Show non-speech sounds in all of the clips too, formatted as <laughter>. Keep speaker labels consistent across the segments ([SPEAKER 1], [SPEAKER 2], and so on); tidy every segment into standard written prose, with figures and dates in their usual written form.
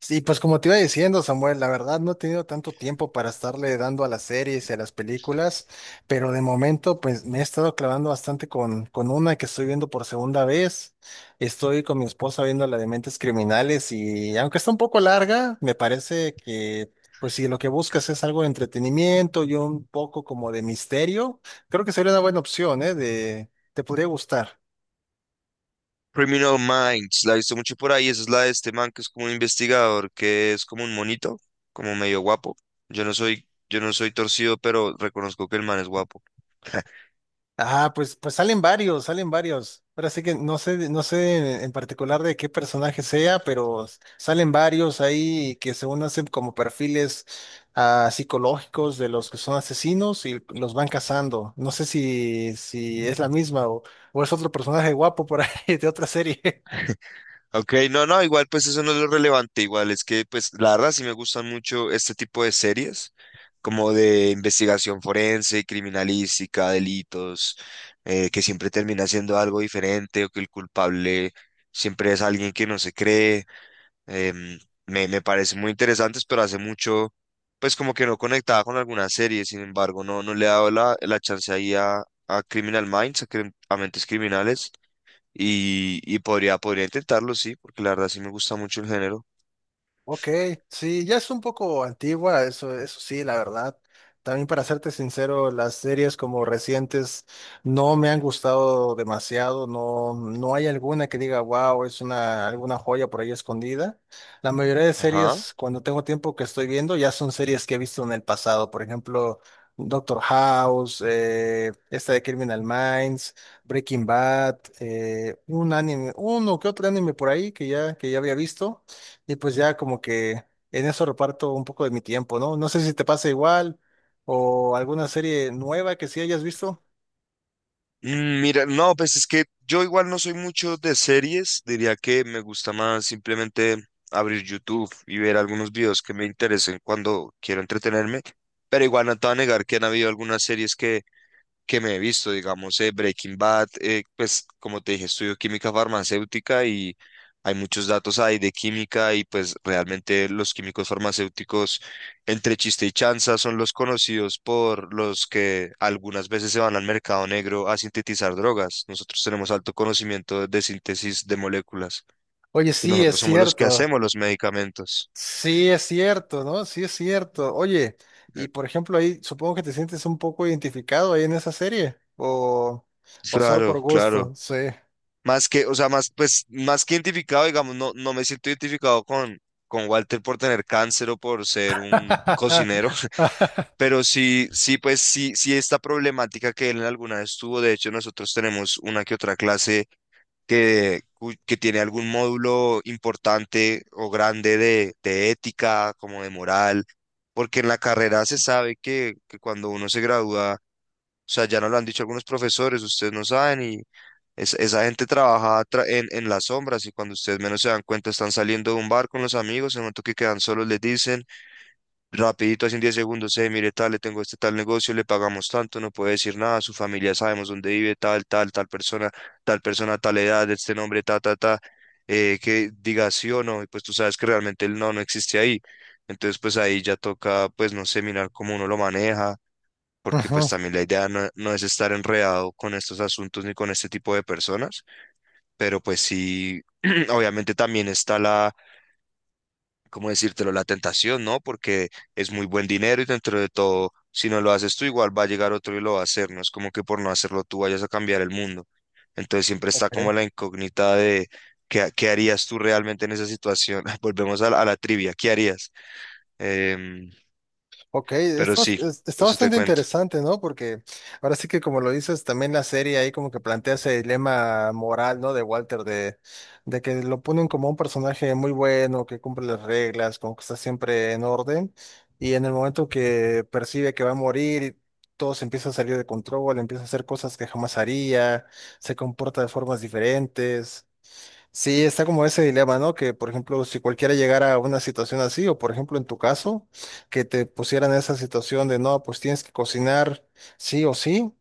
[SPEAKER 1] Sí, pues como te iba diciendo, Samuel, la verdad no he tenido tanto tiempo para estarle dando a las series y a las películas, pero de momento pues me he estado clavando bastante con una que estoy viendo por segunda vez. Estoy con mi esposa viendo la de Mentes Criminales y aunque está un poco larga, me parece que pues si lo que buscas es algo de entretenimiento y un poco como de misterio, creo que sería una buena opción, ¿eh? De, te podría gustar.
[SPEAKER 2] Criminal Minds, la he visto mucho por ahí. Esa es la de este man que es como un investigador, que es como un monito, como medio guapo. Yo no soy torcido, pero reconozco que el man es guapo.
[SPEAKER 1] Ah, pues, pues salen varios, salen varios. Ahora sí que no sé, no sé en particular de qué personaje sea, pero salen varios ahí que según hacen como perfiles psicológicos de los que son asesinos y los van cazando. No sé si es la misma o es otro personaje guapo por ahí <laughs> de otra serie.
[SPEAKER 2] Ok, no, no, igual pues eso no es lo relevante. Igual es que pues la verdad sí me gustan mucho este tipo de series, como de investigación forense, criminalística, delitos, que siempre termina siendo algo diferente o que el culpable siempre es alguien que no se cree. Em, me parecen muy interesantes, pero hace mucho, pues como que no conectaba con alguna serie, sin embargo, no, no le he dado la chance ahí a Criminal Minds, a, a Mentes Criminales, y podría intentarlo, sí, porque la verdad sí me gusta mucho el género.
[SPEAKER 1] Ok, sí, ya es un poco antigua, eso sí, la verdad. También para serte sincero, las series como recientes no me han gustado demasiado, no, no hay alguna que diga, wow, es una, alguna joya por ahí escondida. La mayoría de
[SPEAKER 2] Ajá.
[SPEAKER 1] series, cuando tengo tiempo que estoy viendo, ya son series que he visto en el pasado, por ejemplo, Doctor House, esta de Criminal Minds, Breaking Bad, un anime, uno que otro anime por ahí que ya había visto y pues ya como que en eso reparto un poco de mi tiempo, ¿no? No sé si te pasa igual o alguna serie nueva que sí hayas visto.
[SPEAKER 2] Mm, mira, no, pues es que yo igual no soy mucho de series, diría que me gusta más simplemente abrir YouTube y ver algunos videos que me interesen cuando quiero entretenerme, pero igual no te voy a negar que han habido algunas series que me he visto, digamos, Breaking Bad, pues como te dije, estudio química farmacéutica y hay muchos datos ahí de química y pues realmente los químicos farmacéuticos, entre chiste y chanza, son los conocidos por los que algunas veces se van al mercado negro a sintetizar drogas. Nosotros tenemos alto conocimiento de síntesis de moléculas
[SPEAKER 1] Oye,
[SPEAKER 2] y
[SPEAKER 1] sí, es
[SPEAKER 2] nosotros somos los que
[SPEAKER 1] cierto.
[SPEAKER 2] hacemos los medicamentos.
[SPEAKER 1] Sí, es cierto, ¿no? Sí, es cierto. Oye,
[SPEAKER 2] Eh,
[SPEAKER 1] y por ejemplo ahí supongo que te sientes un poco identificado ahí en esa serie o solo por
[SPEAKER 2] Claro, claro.
[SPEAKER 1] gusto, sí.
[SPEAKER 2] Más que, o sea, más, pues, más que identificado, digamos, no, no me siento identificado con Walter por tener cáncer o por ser un cocinero,
[SPEAKER 1] <laughs>
[SPEAKER 2] <laughs> pero sí, sí, pues, sí, sí, esta problemática que él alguna vez tuvo, de hecho, nosotros tenemos una que otra clase que, que tiene algún módulo importante o grande de ética, como de moral, porque en la carrera se sabe que cuando uno se gradúa, o sea, ya nos lo han dicho algunos profesores, ustedes no saben y esa gente trabaja en las sombras y cuando ustedes menos se dan cuenta están saliendo de un bar con los amigos, en el momento que quedan solos les dicen rapidito, así en 10 segundos, mire tal, le tengo este tal negocio, le pagamos tanto, no puede decir nada, su familia sabemos dónde vive, tal, tal, tal persona, tal persona, tal edad, este nombre, ta, ta, ta, que diga sí o no y pues tú sabes que realmente el no no existe ahí. Entonces pues ahí ya toca pues no sé mirar cómo uno lo maneja porque
[SPEAKER 1] Ujú.
[SPEAKER 2] pues también la idea no, no es estar enredado con estos asuntos ni con este tipo de personas, pero pues sí, <clears throat> obviamente también está la, ¿cómo decírtelo?, la tentación, ¿no? Porque es muy buen dinero y dentro de todo, si no lo haces tú, igual va a llegar otro y lo va a hacer, no es como que por no hacerlo tú vayas a cambiar el mundo. Entonces siempre está
[SPEAKER 1] Ok.
[SPEAKER 2] como la incógnita de qué harías tú realmente en esa situación. <laughs> Volvemos a a la trivia, ¿qué harías? Em,
[SPEAKER 1] Ok,
[SPEAKER 2] pero
[SPEAKER 1] está,
[SPEAKER 2] sí,
[SPEAKER 1] está
[SPEAKER 2] eso te
[SPEAKER 1] bastante
[SPEAKER 2] cuento.
[SPEAKER 1] interesante, ¿no? Porque ahora sí que como lo dices, también la serie ahí como que plantea ese dilema moral, ¿no? De Walter, de que lo ponen como un personaje muy bueno, que cumple las reglas, como que está siempre en orden, y en el momento que percibe que va a morir, todo se empieza a salir de control, empieza a hacer cosas que jamás haría, se comporta de formas diferentes. Sí, está como ese dilema, ¿no? Que, por ejemplo, si cualquiera llegara a una situación así, o por ejemplo en tu caso, que te pusieran esa situación de, no, pues tienes que cocinar sí o sí,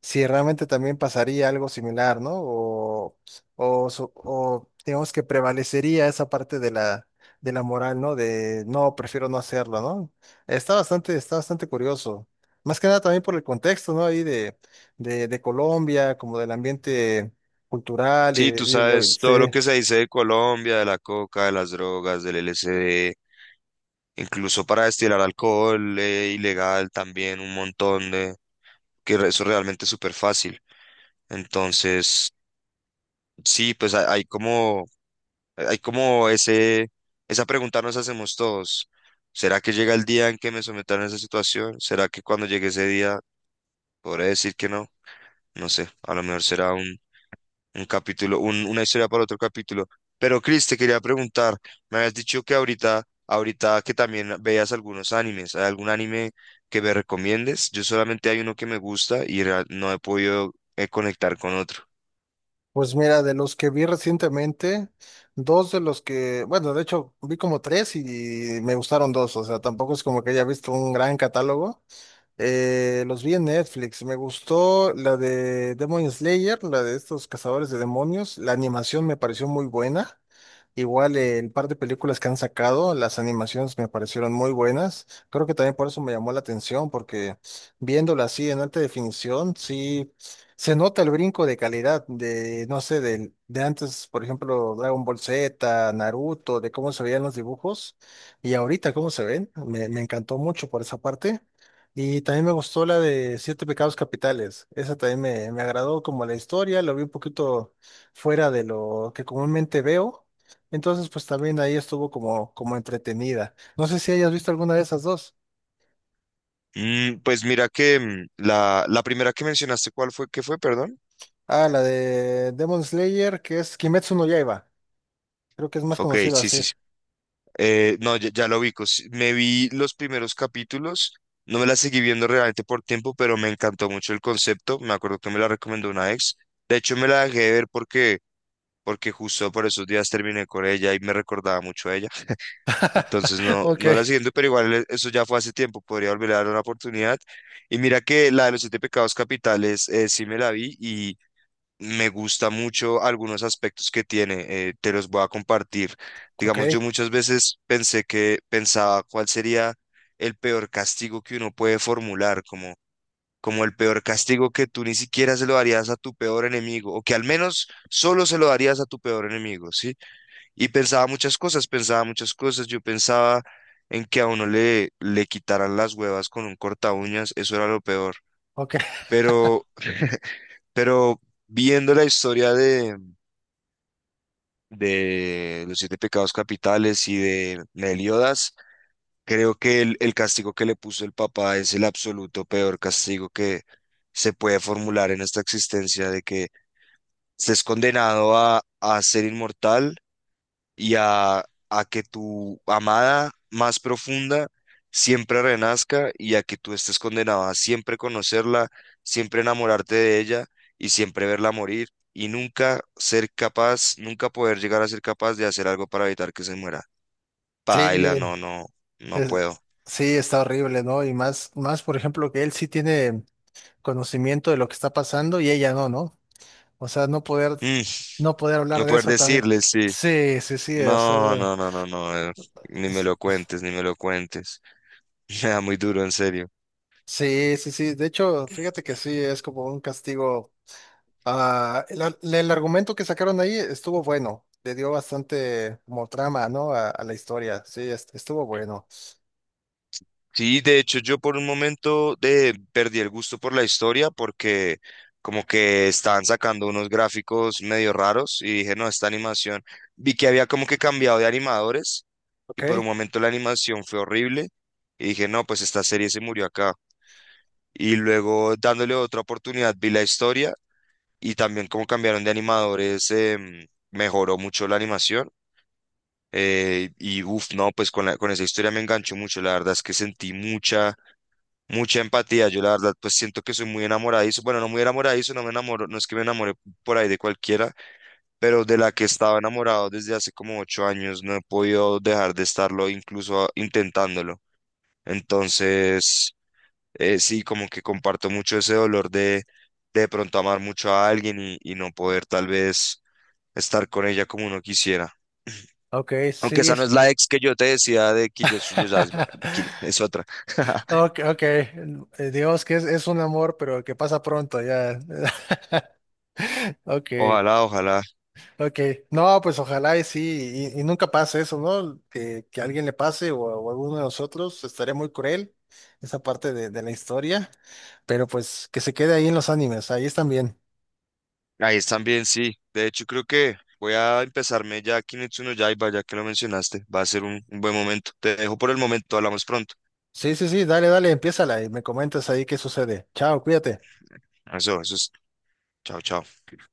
[SPEAKER 1] si realmente también pasaría algo similar, ¿no? O, o digamos que prevalecería esa parte de la moral, ¿no? De, no, prefiero no hacerlo, ¿no? Está bastante curioso. Más que nada también por el contexto, ¿no? Ahí de Colombia, como del ambiente cultural y
[SPEAKER 2] Sí, tú
[SPEAKER 1] de, y lo-
[SPEAKER 2] sabes todo lo
[SPEAKER 1] sí.
[SPEAKER 2] que se dice de Colombia, de la coca, de las drogas, del LSD, incluso para destilar alcohol, ilegal también, un montón de, eso realmente es súper fácil. Entonces, sí, pues hay, hay como ese, esa pregunta nos hacemos todos. ¿Será que llega el día en que me sometan a esa situación? ¿Será que cuando llegue ese día podré decir que no? No sé, a lo mejor será un capítulo, una historia para otro capítulo. Pero Chris, te quería preguntar, me habías dicho que ahorita que también veas algunos animes, ¿hay algún anime que me recomiendes? Yo solamente hay uno que me gusta y no he podido conectar con otro.
[SPEAKER 1] Pues mira, de los que vi recientemente, dos de los que, bueno, de hecho vi como tres y me gustaron dos, o sea, tampoco es como que haya visto un gran catálogo. Los vi en Netflix. Me gustó la de Demon Slayer, la de estos cazadores de demonios. La animación me pareció muy buena. Igual el par de películas que han sacado, las animaciones me parecieron muy buenas. Creo que también por eso me llamó la atención, porque viéndola así en alta definición, sí se nota el brinco de calidad de, no sé, del de antes, por ejemplo, Dragon Ball Z, Naruto, de cómo se veían los dibujos y ahorita cómo se ven. Me encantó mucho por esa parte. Y también me gustó la de Siete Pecados Capitales. Esa también me agradó como la historia, lo vi un poquito fuera de lo que comúnmente veo. Entonces, pues también ahí estuvo como entretenida. No sé si hayas visto alguna de esas dos.
[SPEAKER 2] Mm, pues mira que mm, la primera que mencionaste, ¿cuál fue? ¿Qué fue? Perdón.
[SPEAKER 1] Ah, la de Demon Slayer, que es Kimetsu no Yaiba. Creo que es más
[SPEAKER 2] Ok,
[SPEAKER 1] conocida
[SPEAKER 2] sí,
[SPEAKER 1] así.
[SPEAKER 2] sí,
[SPEAKER 1] <laughs>
[SPEAKER 2] eh, no, ya, ya lo ubico. Sí, me vi los primeros capítulos, no me la seguí viendo realmente por tiempo, pero me encantó mucho el concepto. Me acuerdo que me la recomendó una ex. De hecho, me la dejé de ver porque, porque justo por esos días terminé con ella y me recordaba mucho a ella. Entonces, no,
[SPEAKER 1] Ok,
[SPEAKER 2] no la siguiendo, pero igual eso ya fue hace tiempo. Podría volver a dar una oportunidad. Y mira que la de los siete pecados capitales, sí me la vi me gusta mucho algunos aspectos que tiene, te los voy a compartir.
[SPEAKER 1] ok,
[SPEAKER 2] Digamos, yo muchas veces pensé que pensaba cuál sería el peor castigo que uno puede formular, como, como el peor castigo que tú ni siquiera se lo darías a tu peor enemigo, o que al menos solo se lo darías a tu peor enemigo, ¿sí? Y pensaba muchas cosas, pensaba muchas cosas. Yo pensaba en que a uno le, le quitaran las huevas con un corta uñas, eso era lo peor.
[SPEAKER 1] ok.
[SPEAKER 2] Pero, <laughs> pero viendo la historia de los siete pecados capitales y de Meliodas, creo que el castigo que le puso el papá es el absoluto peor castigo que se puede formular en esta existencia de que estés condenado a ser inmortal y a que tu amada más profunda siempre renazca y a que tú estés condenado a siempre conocerla, siempre enamorarte de ella y siempre verla morir y nunca ser capaz, nunca poder llegar a ser capaz de hacer algo para evitar que se muera. Paila,
[SPEAKER 1] Sí,
[SPEAKER 2] no, no, no
[SPEAKER 1] es-
[SPEAKER 2] puedo.
[SPEAKER 1] sí, está horrible, ¿no? Y más, más, por ejemplo, que él sí tiene conocimiento de lo que está pasando y ella no, ¿no? O sea, no poder,
[SPEAKER 2] Mm,
[SPEAKER 1] no poder hablar
[SPEAKER 2] no
[SPEAKER 1] de
[SPEAKER 2] poder
[SPEAKER 1] eso también.
[SPEAKER 2] decirle, sí.
[SPEAKER 1] Sí, sí, sí, o
[SPEAKER 2] No,
[SPEAKER 1] sea,
[SPEAKER 2] no, no, no, no, ni me
[SPEAKER 1] es-
[SPEAKER 2] lo cuentes, ni me lo cuentes. <laughs> Me da muy duro, en serio.
[SPEAKER 1] sí, sí, sí. De hecho, fíjate que sí, es como un castigo. Ah, el, el argumento que sacaron ahí estuvo bueno, le dio bastante como trama, ¿no? A la historia, sí, estuvo bueno.
[SPEAKER 2] Sí, de hecho yo por un momento perdí el gusto por la historia porque como que estaban sacando unos gráficos medio raros y dije, no, esta animación. Vi que había como que cambiado de animadores
[SPEAKER 1] Ok,
[SPEAKER 2] y por un momento la animación fue horrible y dije, no, pues esta serie se murió acá. Y luego dándole otra oportunidad vi la historia y también como cambiaron de animadores mejoró mucho la animación. Y uff, no, pues con esa historia me enganchó mucho. La verdad es que sentí mucha mucha empatía. Yo la verdad, pues siento que soy muy enamoradizo. Bueno, no muy enamoradizo, no me enamoro, no es que me enamore por ahí de cualquiera, pero de la que estaba enamorado desde hace como 8 años, no he podido dejar de estarlo, incluso intentándolo. Entonces, sí, como que comparto mucho ese dolor de pronto amar mucho a alguien y no poder tal vez estar con ella como uno quisiera.
[SPEAKER 1] ok, sí.
[SPEAKER 2] Aunque esa no
[SPEAKER 1] es-
[SPEAKER 2] es la ex que yo te decía de Kitetsu no Yaiba,
[SPEAKER 1] <laughs>
[SPEAKER 2] Es otra. <laughs>
[SPEAKER 1] Ok, ok. Dios, que es un amor, pero que pasa pronto ya. <laughs> Ok.
[SPEAKER 2] Ojalá, ojalá.
[SPEAKER 1] Ok, no, pues ojalá y sí, y nunca pase eso, ¿no? Que a alguien le pase o a alguno de nosotros, estaría muy cruel esa parte de la historia, pero pues que se quede ahí en los animes, ahí están bien.
[SPEAKER 2] Ahí están bien, sí. De hecho, creo que voy a empezarme ya Kimetsu no Yaiba, ya que lo mencionaste. Va a ser un buen momento. Te dejo por el momento, hablamos pronto.
[SPEAKER 1] Sí, sí, sí, dale, dale, empiézala y me comentas ahí qué sucede. Chao, cuídate.
[SPEAKER 2] Eso es. Chao, chao.